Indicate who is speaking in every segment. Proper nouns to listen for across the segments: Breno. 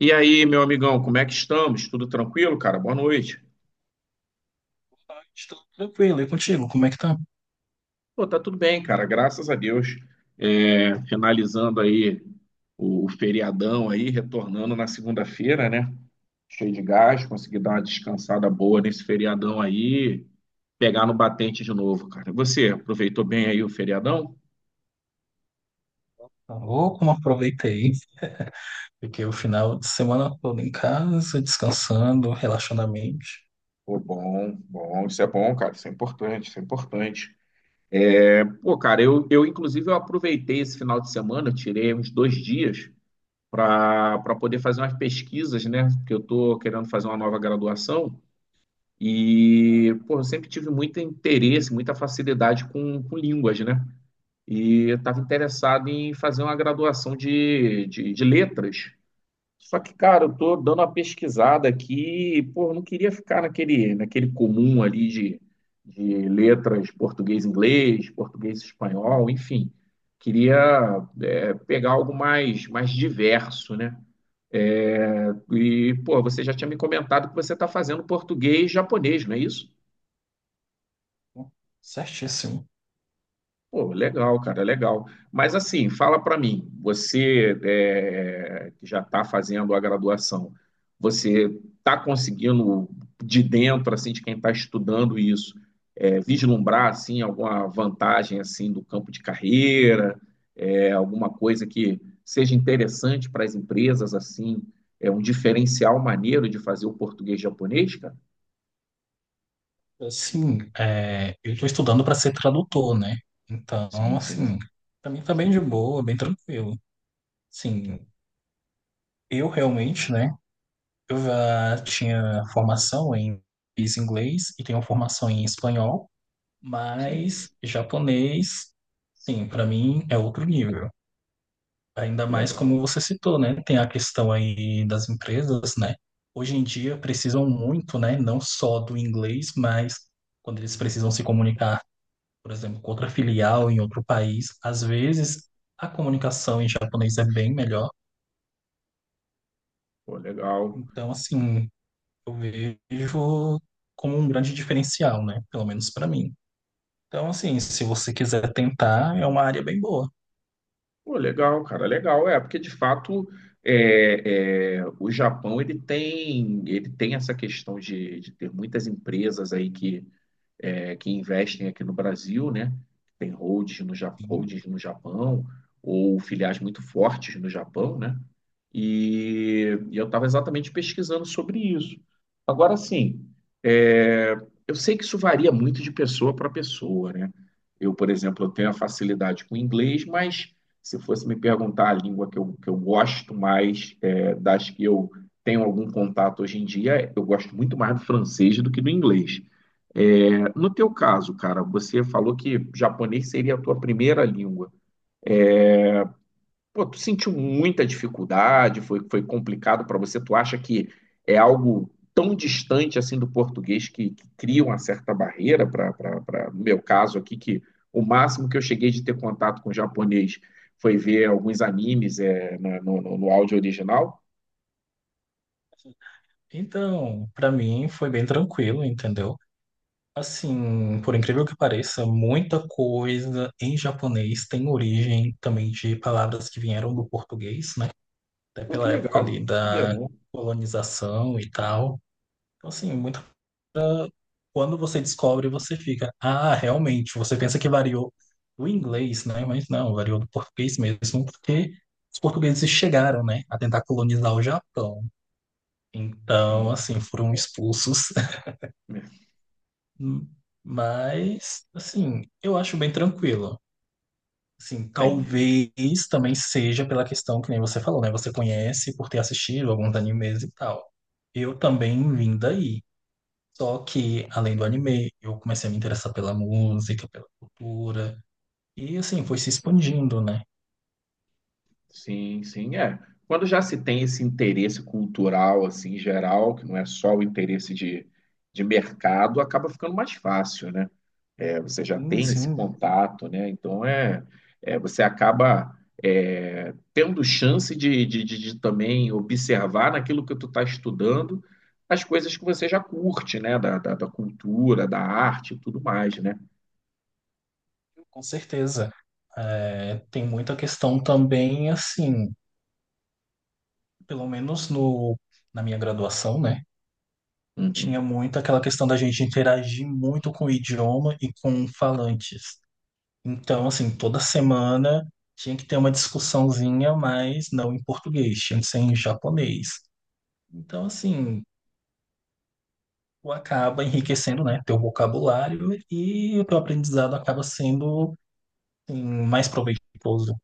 Speaker 1: E aí, meu amigão, como é que estamos? Tudo tranquilo, cara? Boa noite.
Speaker 2: Estou tranquilo, e contigo? Como é que tá?
Speaker 1: Pô, tá tudo bem, cara, graças a Deus. É, finalizando aí o feriadão aí, retornando na segunda-feira, né? Cheio de gás, consegui dar uma descansada boa nesse feriadão aí, pegar no batente de novo, cara. E você aproveitou bem aí o feriadão?
Speaker 2: Tá louco, não aproveitei. Fiquei o final de semana todo em casa, descansando, relaxando a mente.
Speaker 1: Pô, bom, bom, isso é bom, cara, isso é importante, isso é importante. Pô, cara, eu inclusive eu aproveitei esse final de semana, eu tirei uns dois dias para poder fazer umas pesquisas, né? Porque eu estou querendo fazer uma nova graduação e, pô, eu sempre tive muito interesse, muita facilidade com línguas, né? E eu estava interessado em fazer uma graduação de letras. Só que, cara, eu estou dando uma pesquisada aqui, e, pô, eu não queria ficar naquele comum ali de letras português-inglês, português-espanhol, enfim. Queria, pegar algo mais, mais diverso, né? É, e, pô, você já tinha me comentado que você está fazendo português e japonês, não é isso?
Speaker 2: Certíssimo.
Speaker 1: Pô, legal, cara, legal. Mas assim, fala para mim, você que já está fazendo a graduação, você está conseguindo de dentro, assim, de quem está estudando isso, vislumbrar assim alguma vantagem assim do campo de carreira, alguma coisa que seja interessante para as empresas assim, é um diferencial maneiro de fazer o português japonês, cara?
Speaker 2: Assim, é, eu estou estudando para ser tradutor, né? Então,
Speaker 1: Sim, sim,
Speaker 2: assim,
Speaker 1: sim,
Speaker 2: para mim tá bem de boa, bem tranquilo. Sim, eu realmente, né? Eu já tinha formação em inglês e tenho formação em espanhol,
Speaker 1: sim.
Speaker 2: mas japonês, sim, para mim é outro nível. Ainda mais
Speaker 1: Legal,
Speaker 2: como você citou, né? Tem a questão aí das empresas, né? Hoje em dia precisam muito, né? Não só do inglês, mas quando eles precisam se comunicar, por exemplo, com outra filial em outro país, às vezes a comunicação em japonês é bem melhor.
Speaker 1: pô, legal.
Speaker 2: Então, assim, eu vejo como um grande diferencial, né? Pelo menos para mim. Então, assim, se você quiser tentar, é uma área bem boa.
Speaker 1: Pô, legal, cara, legal. É, porque de fato o Japão ele tem essa questão de ter muitas empresas aí que que investem aqui no Brasil, né? Tem holdings no,
Speaker 2: Sim.
Speaker 1: holdings no Japão ou filiais muito fortes no Japão, né? E eu estava exatamente pesquisando sobre isso. Agora, sim, é, eu sei que isso varia muito de pessoa para pessoa, né? Eu, por exemplo, eu tenho a facilidade com o inglês, mas se fosse me perguntar a língua que eu gosto mais, é, das que eu tenho algum contato hoje em dia, eu gosto muito mais do francês do que do inglês. É, no teu caso, cara, você falou que japonês seria a tua primeira língua. Pô, tu sentiu muita dificuldade? Foi, foi complicado para você? Tu acha que é algo tão distante assim do português que cria uma certa barreira para, para, no meu caso aqui, que o máximo que eu cheguei de ter contato com japonês foi ver alguns animes no, no áudio original?
Speaker 2: Então, para mim foi bem tranquilo, entendeu? Assim, por incrível que pareça, muita coisa em japonês tem origem também de palavras que vieram do português, né? Até
Speaker 1: Pô, que
Speaker 2: pela época ali
Speaker 1: legal, sabia
Speaker 2: da
Speaker 1: não.
Speaker 2: colonização e tal. Então, assim, muito, quando você descobre, você fica, ah, realmente, você pensa que variou do inglês, né? Mas não, variou do português mesmo, porque os portugueses chegaram, né, a tentar colonizar o Japão. Então,
Speaker 1: Sim,
Speaker 2: assim, foram expulsos. Mas, assim, eu acho bem tranquilo. Sim,
Speaker 1: entendi.
Speaker 2: talvez também seja pela questão que nem você falou, né? Você conhece por ter assistido alguns animes e tal. Eu também vim daí. Só que, além do anime, eu comecei a me interessar pela música, pela cultura. E, assim, foi se expandindo, né?
Speaker 1: Sim, sim, é. Quando já se tem esse interesse cultural, assim, geral, que não é só o interesse de mercado, acaba ficando mais fácil, né? É, você já
Speaker 2: Sim,
Speaker 1: tem esse
Speaker 2: sim,
Speaker 1: contato, né? Então, é, é você acaba tendo chance de também observar naquilo que tu está estudando as coisas que você já curte, né? Da cultura, da arte e tudo mais, né?
Speaker 2: com certeza. É, tem muita questão também, assim, pelo menos no, na minha graduação, né? Tinha
Speaker 1: Uhum.
Speaker 2: muito aquela questão da gente interagir muito com o idioma e com falantes. Então, assim, toda semana tinha que ter uma discussãozinha, mas não em português, tinha que ser em japonês. Então, assim, tu acaba enriquecendo, né, teu vocabulário e o teu aprendizado acaba sendo, assim, mais proveitoso.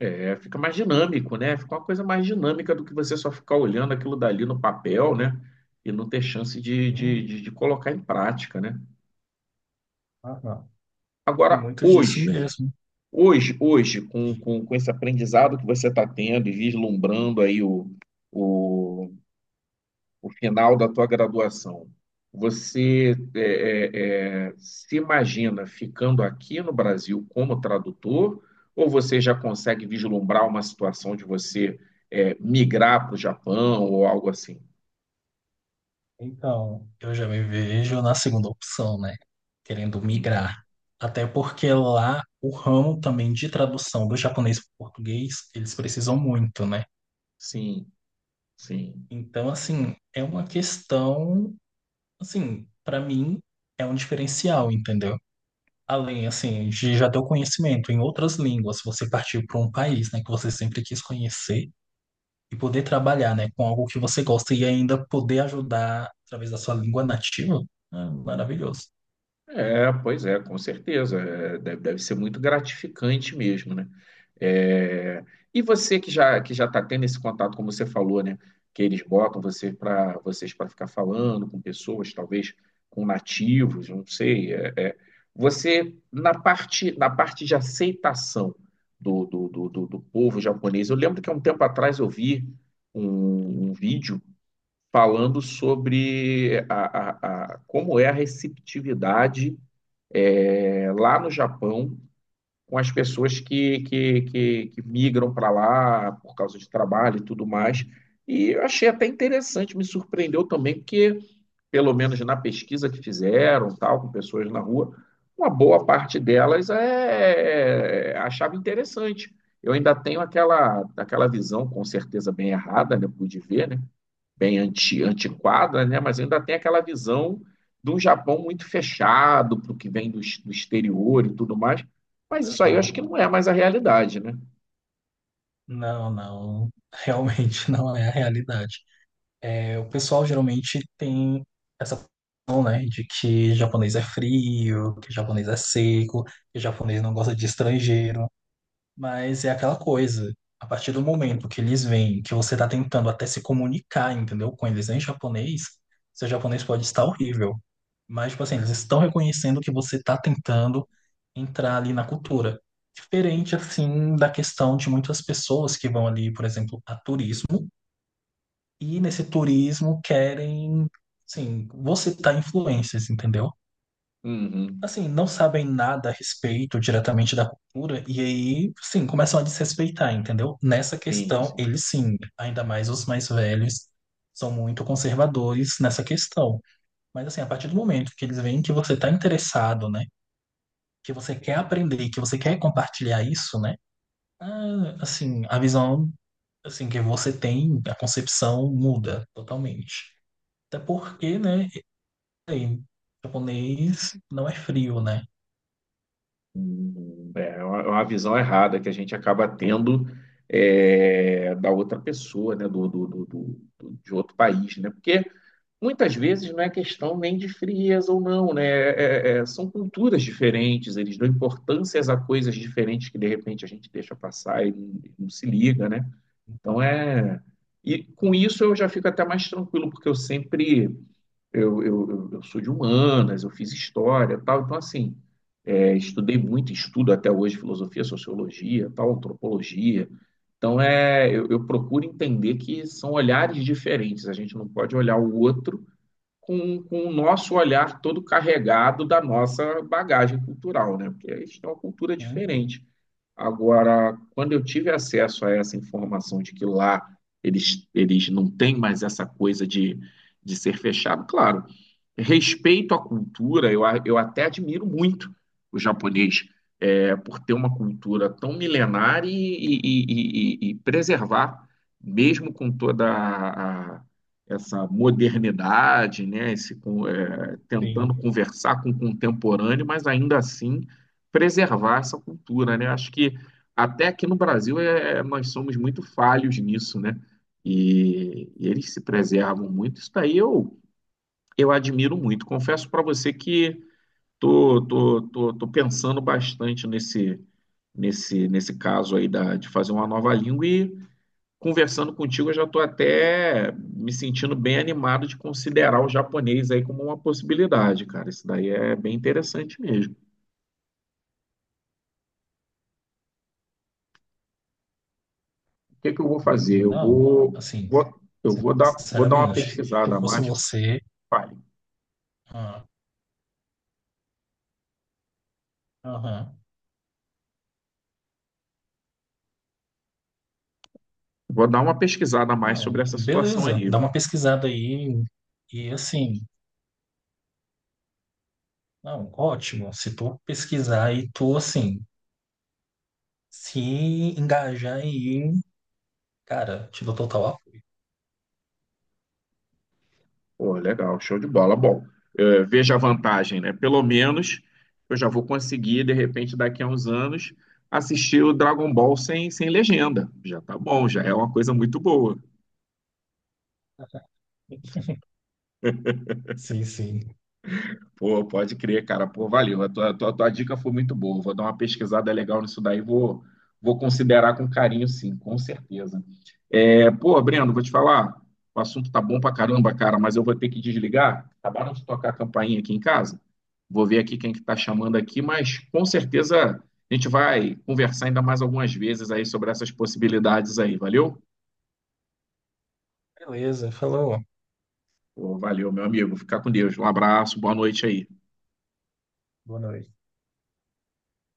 Speaker 1: É, fica mais dinâmico, né? Fica uma coisa mais dinâmica do que você só ficar olhando aquilo dali no papel, né? E não ter chance de, de,
Speaker 2: Hum,
Speaker 1: de, de colocar em prática, né?
Speaker 2: aham. Tem
Speaker 1: Agora,
Speaker 2: muito disso
Speaker 1: hoje,
Speaker 2: mesmo.
Speaker 1: hoje, hoje, com,
Speaker 2: Sim.
Speaker 1: com, com esse aprendizado que você está tendo e vislumbrando aí o, o final da tua graduação, você se imagina ficando aqui no Brasil como tradutor, ou você já consegue vislumbrar uma situação de você migrar para o Japão ou algo assim?
Speaker 2: Então, eu já me vejo na segunda opção, né, querendo migrar. Até porque lá o ramo também de tradução do japonês para o português, eles precisam muito, né?
Speaker 1: Sim, sim.
Speaker 2: Então, assim, é uma questão, assim, para mim é um diferencial, entendeu? Além, assim, de já ter o conhecimento em outras línguas, você partir para um país, né, que você sempre quis conhecer e poder trabalhar, né, com algo que você gosta e ainda poder ajudar através da sua língua nativa, é maravilhoso.
Speaker 1: É, pois é, com certeza. É, deve, deve ser muito gratificante mesmo, né? É, e você que já está tendo esse contato, como você falou, né? Que eles botam você para vocês para ficar falando com pessoas, talvez com nativos, não sei. Você na parte de aceitação do povo japonês, eu lembro que há um tempo atrás eu vi um vídeo falando sobre como é a receptividade lá no Japão com as pessoas que migram para lá por causa de trabalho e tudo mais.
Speaker 2: Uhum.
Speaker 1: E eu achei até interessante, me surpreendeu também, porque, pelo menos na pesquisa que fizeram, tal, com pessoas na rua, uma boa parte delas achava interessante. Eu ainda tenho aquela visão, com certeza bem errada, né? Pude ver, né? bem antiquada, né? Mas ainda tem aquela visão de um Japão muito fechado para o que vem do, do exterior e tudo mais. Mas isso aí eu acho
Speaker 2: Aham.
Speaker 1: que não é mais a realidade, né?
Speaker 2: Não, não, realmente não é a realidade. É, o pessoal geralmente tem essa noção, né, de que japonês é frio, que japonês é seco, que japonês não gosta de estrangeiro, mas é aquela coisa. A partir do momento que eles veem que você está tentando até se comunicar, entendeu, com eles em japonês, seu japonês pode estar horrível. Mas, tipo assim, eles estão reconhecendo que você está tentando entrar ali na cultura. Diferente, assim, da questão de muitas pessoas que vão ali, por exemplo, a turismo e nesse turismo querem, assim, você citar influências, entendeu?
Speaker 1: Uhum.
Speaker 2: Assim, não sabem nada a respeito diretamente da cultura e aí, sim, começam a desrespeitar, entendeu? Nessa
Speaker 1: Sim,
Speaker 2: questão,
Speaker 1: sim.
Speaker 2: eles sim, ainda mais os mais velhos, são muito conservadores nessa questão. Mas assim, a partir do momento que eles veem que você está interessado, né? Que você quer aprender, que você quer compartilhar isso, né? Ah, assim, a visão assim que você tem, a concepção muda totalmente. Até porque, né, sei, japonês não é frio, né?
Speaker 1: É é uma visão errada que a gente acaba tendo da outra pessoa, né? De outro país, né? Porque muitas vezes não é questão nem de frieza ou não, né? São culturas diferentes, eles dão importâncias a coisas diferentes que de repente a gente deixa passar e não, não se liga, né? Então é. E com isso eu já fico até mais tranquilo, porque eu sempre. Eu sou de humanas, eu fiz história e tal, então assim. Estudei muito, estudo até hoje filosofia, sociologia, tal, antropologia. Então é, eu procuro entender que são olhares diferentes. A gente não pode olhar o outro com o nosso olhar todo carregado da nossa bagagem cultural, né? Porque a gente tem uma cultura
Speaker 2: Sim.
Speaker 1: diferente. Agora, quando eu tive acesso a essa informação de que lá eles não têm mais essa coisa de ser fechado, claro, respeito à cultura, eu até admiro muito o japonês por ter uma cultura tão milenar e e preservar, mesmo com toda a essa modernidade, né, esse
Speaker 2: Uhum. Sim.
Speaker 1: tentando conversar com o contemporâneo, mas ainda assim preservar essa cultura, né? Acho que até aqui no Brasil nós somos muito falhos nisso, né? E eles se preservam muito. Isso daí eu admiro muito. Confesso para você que Tô pensando bastante nesse caso aí da, de fazer uma nova língua e conversando contigo, eu já estou até me sentindo bem animado de considerar o japonês aí como uma possibilidade, cara. Isso daí é bem interessante mesmo. O que que eu vou fazer?
Speaker 2: Não, assim,
Speaker 1: Eu vou dar uma
Speaker 2: sinceramente, se eu
Speaker 1: pesquisada a
Speaker 2: fosse
Speaker 1: mais.
Speaker 2: você,
Speaker 1: Fale.
Speaker 2: ah, aham.
Speaker 1: Vou dar uma pesquisada a mais
Speaker 2: Não,
Speaker 1: sobre essa situação
Speaker 2: beleza,
Speaker 1: aí.
Speaker 2: dá uma pesquisada aí e assim, não, ótimo. Se tu pesquisar e tu assim, se engajar aí, cara, te dou total apoio.
Speaker 1: Pô, legal, show de bola. Bom, veja a vantagem, né? Pelo menos eu já vou conseguir, de repente, daqui a uns anos, assistir o Dragon Ball sem, sem legenda. Já tá bom, já é uma coisa muito boa.
Speaker 2: Sim, sim.
Speaker 1: Pô, pode crer, cara. Pô, valeu. A tua dica foi muito boa. Vou dar uma pesquisada legal nisso daí. Vou, vou considerar com carinho, sim, com certeza. É, pô, Breno, vou te falar. O assunto tá bom pra caramba, cara, mas eu vou ter que desligar. Acabaram de tocar a campainha aqui em casa. Vou ver aqui quem que está chamando aqui, mas com certeza a gente vai conversar ainda mais algumas vezes aí sobre essas possibilidades aí. Valeu?
Speaker 2: Beleza, falou.
Speaker 1: Pô, valeu, meu amigo. Fica com Deus. Um abraço, boa noite aí.
Speaker 2: Boa noite.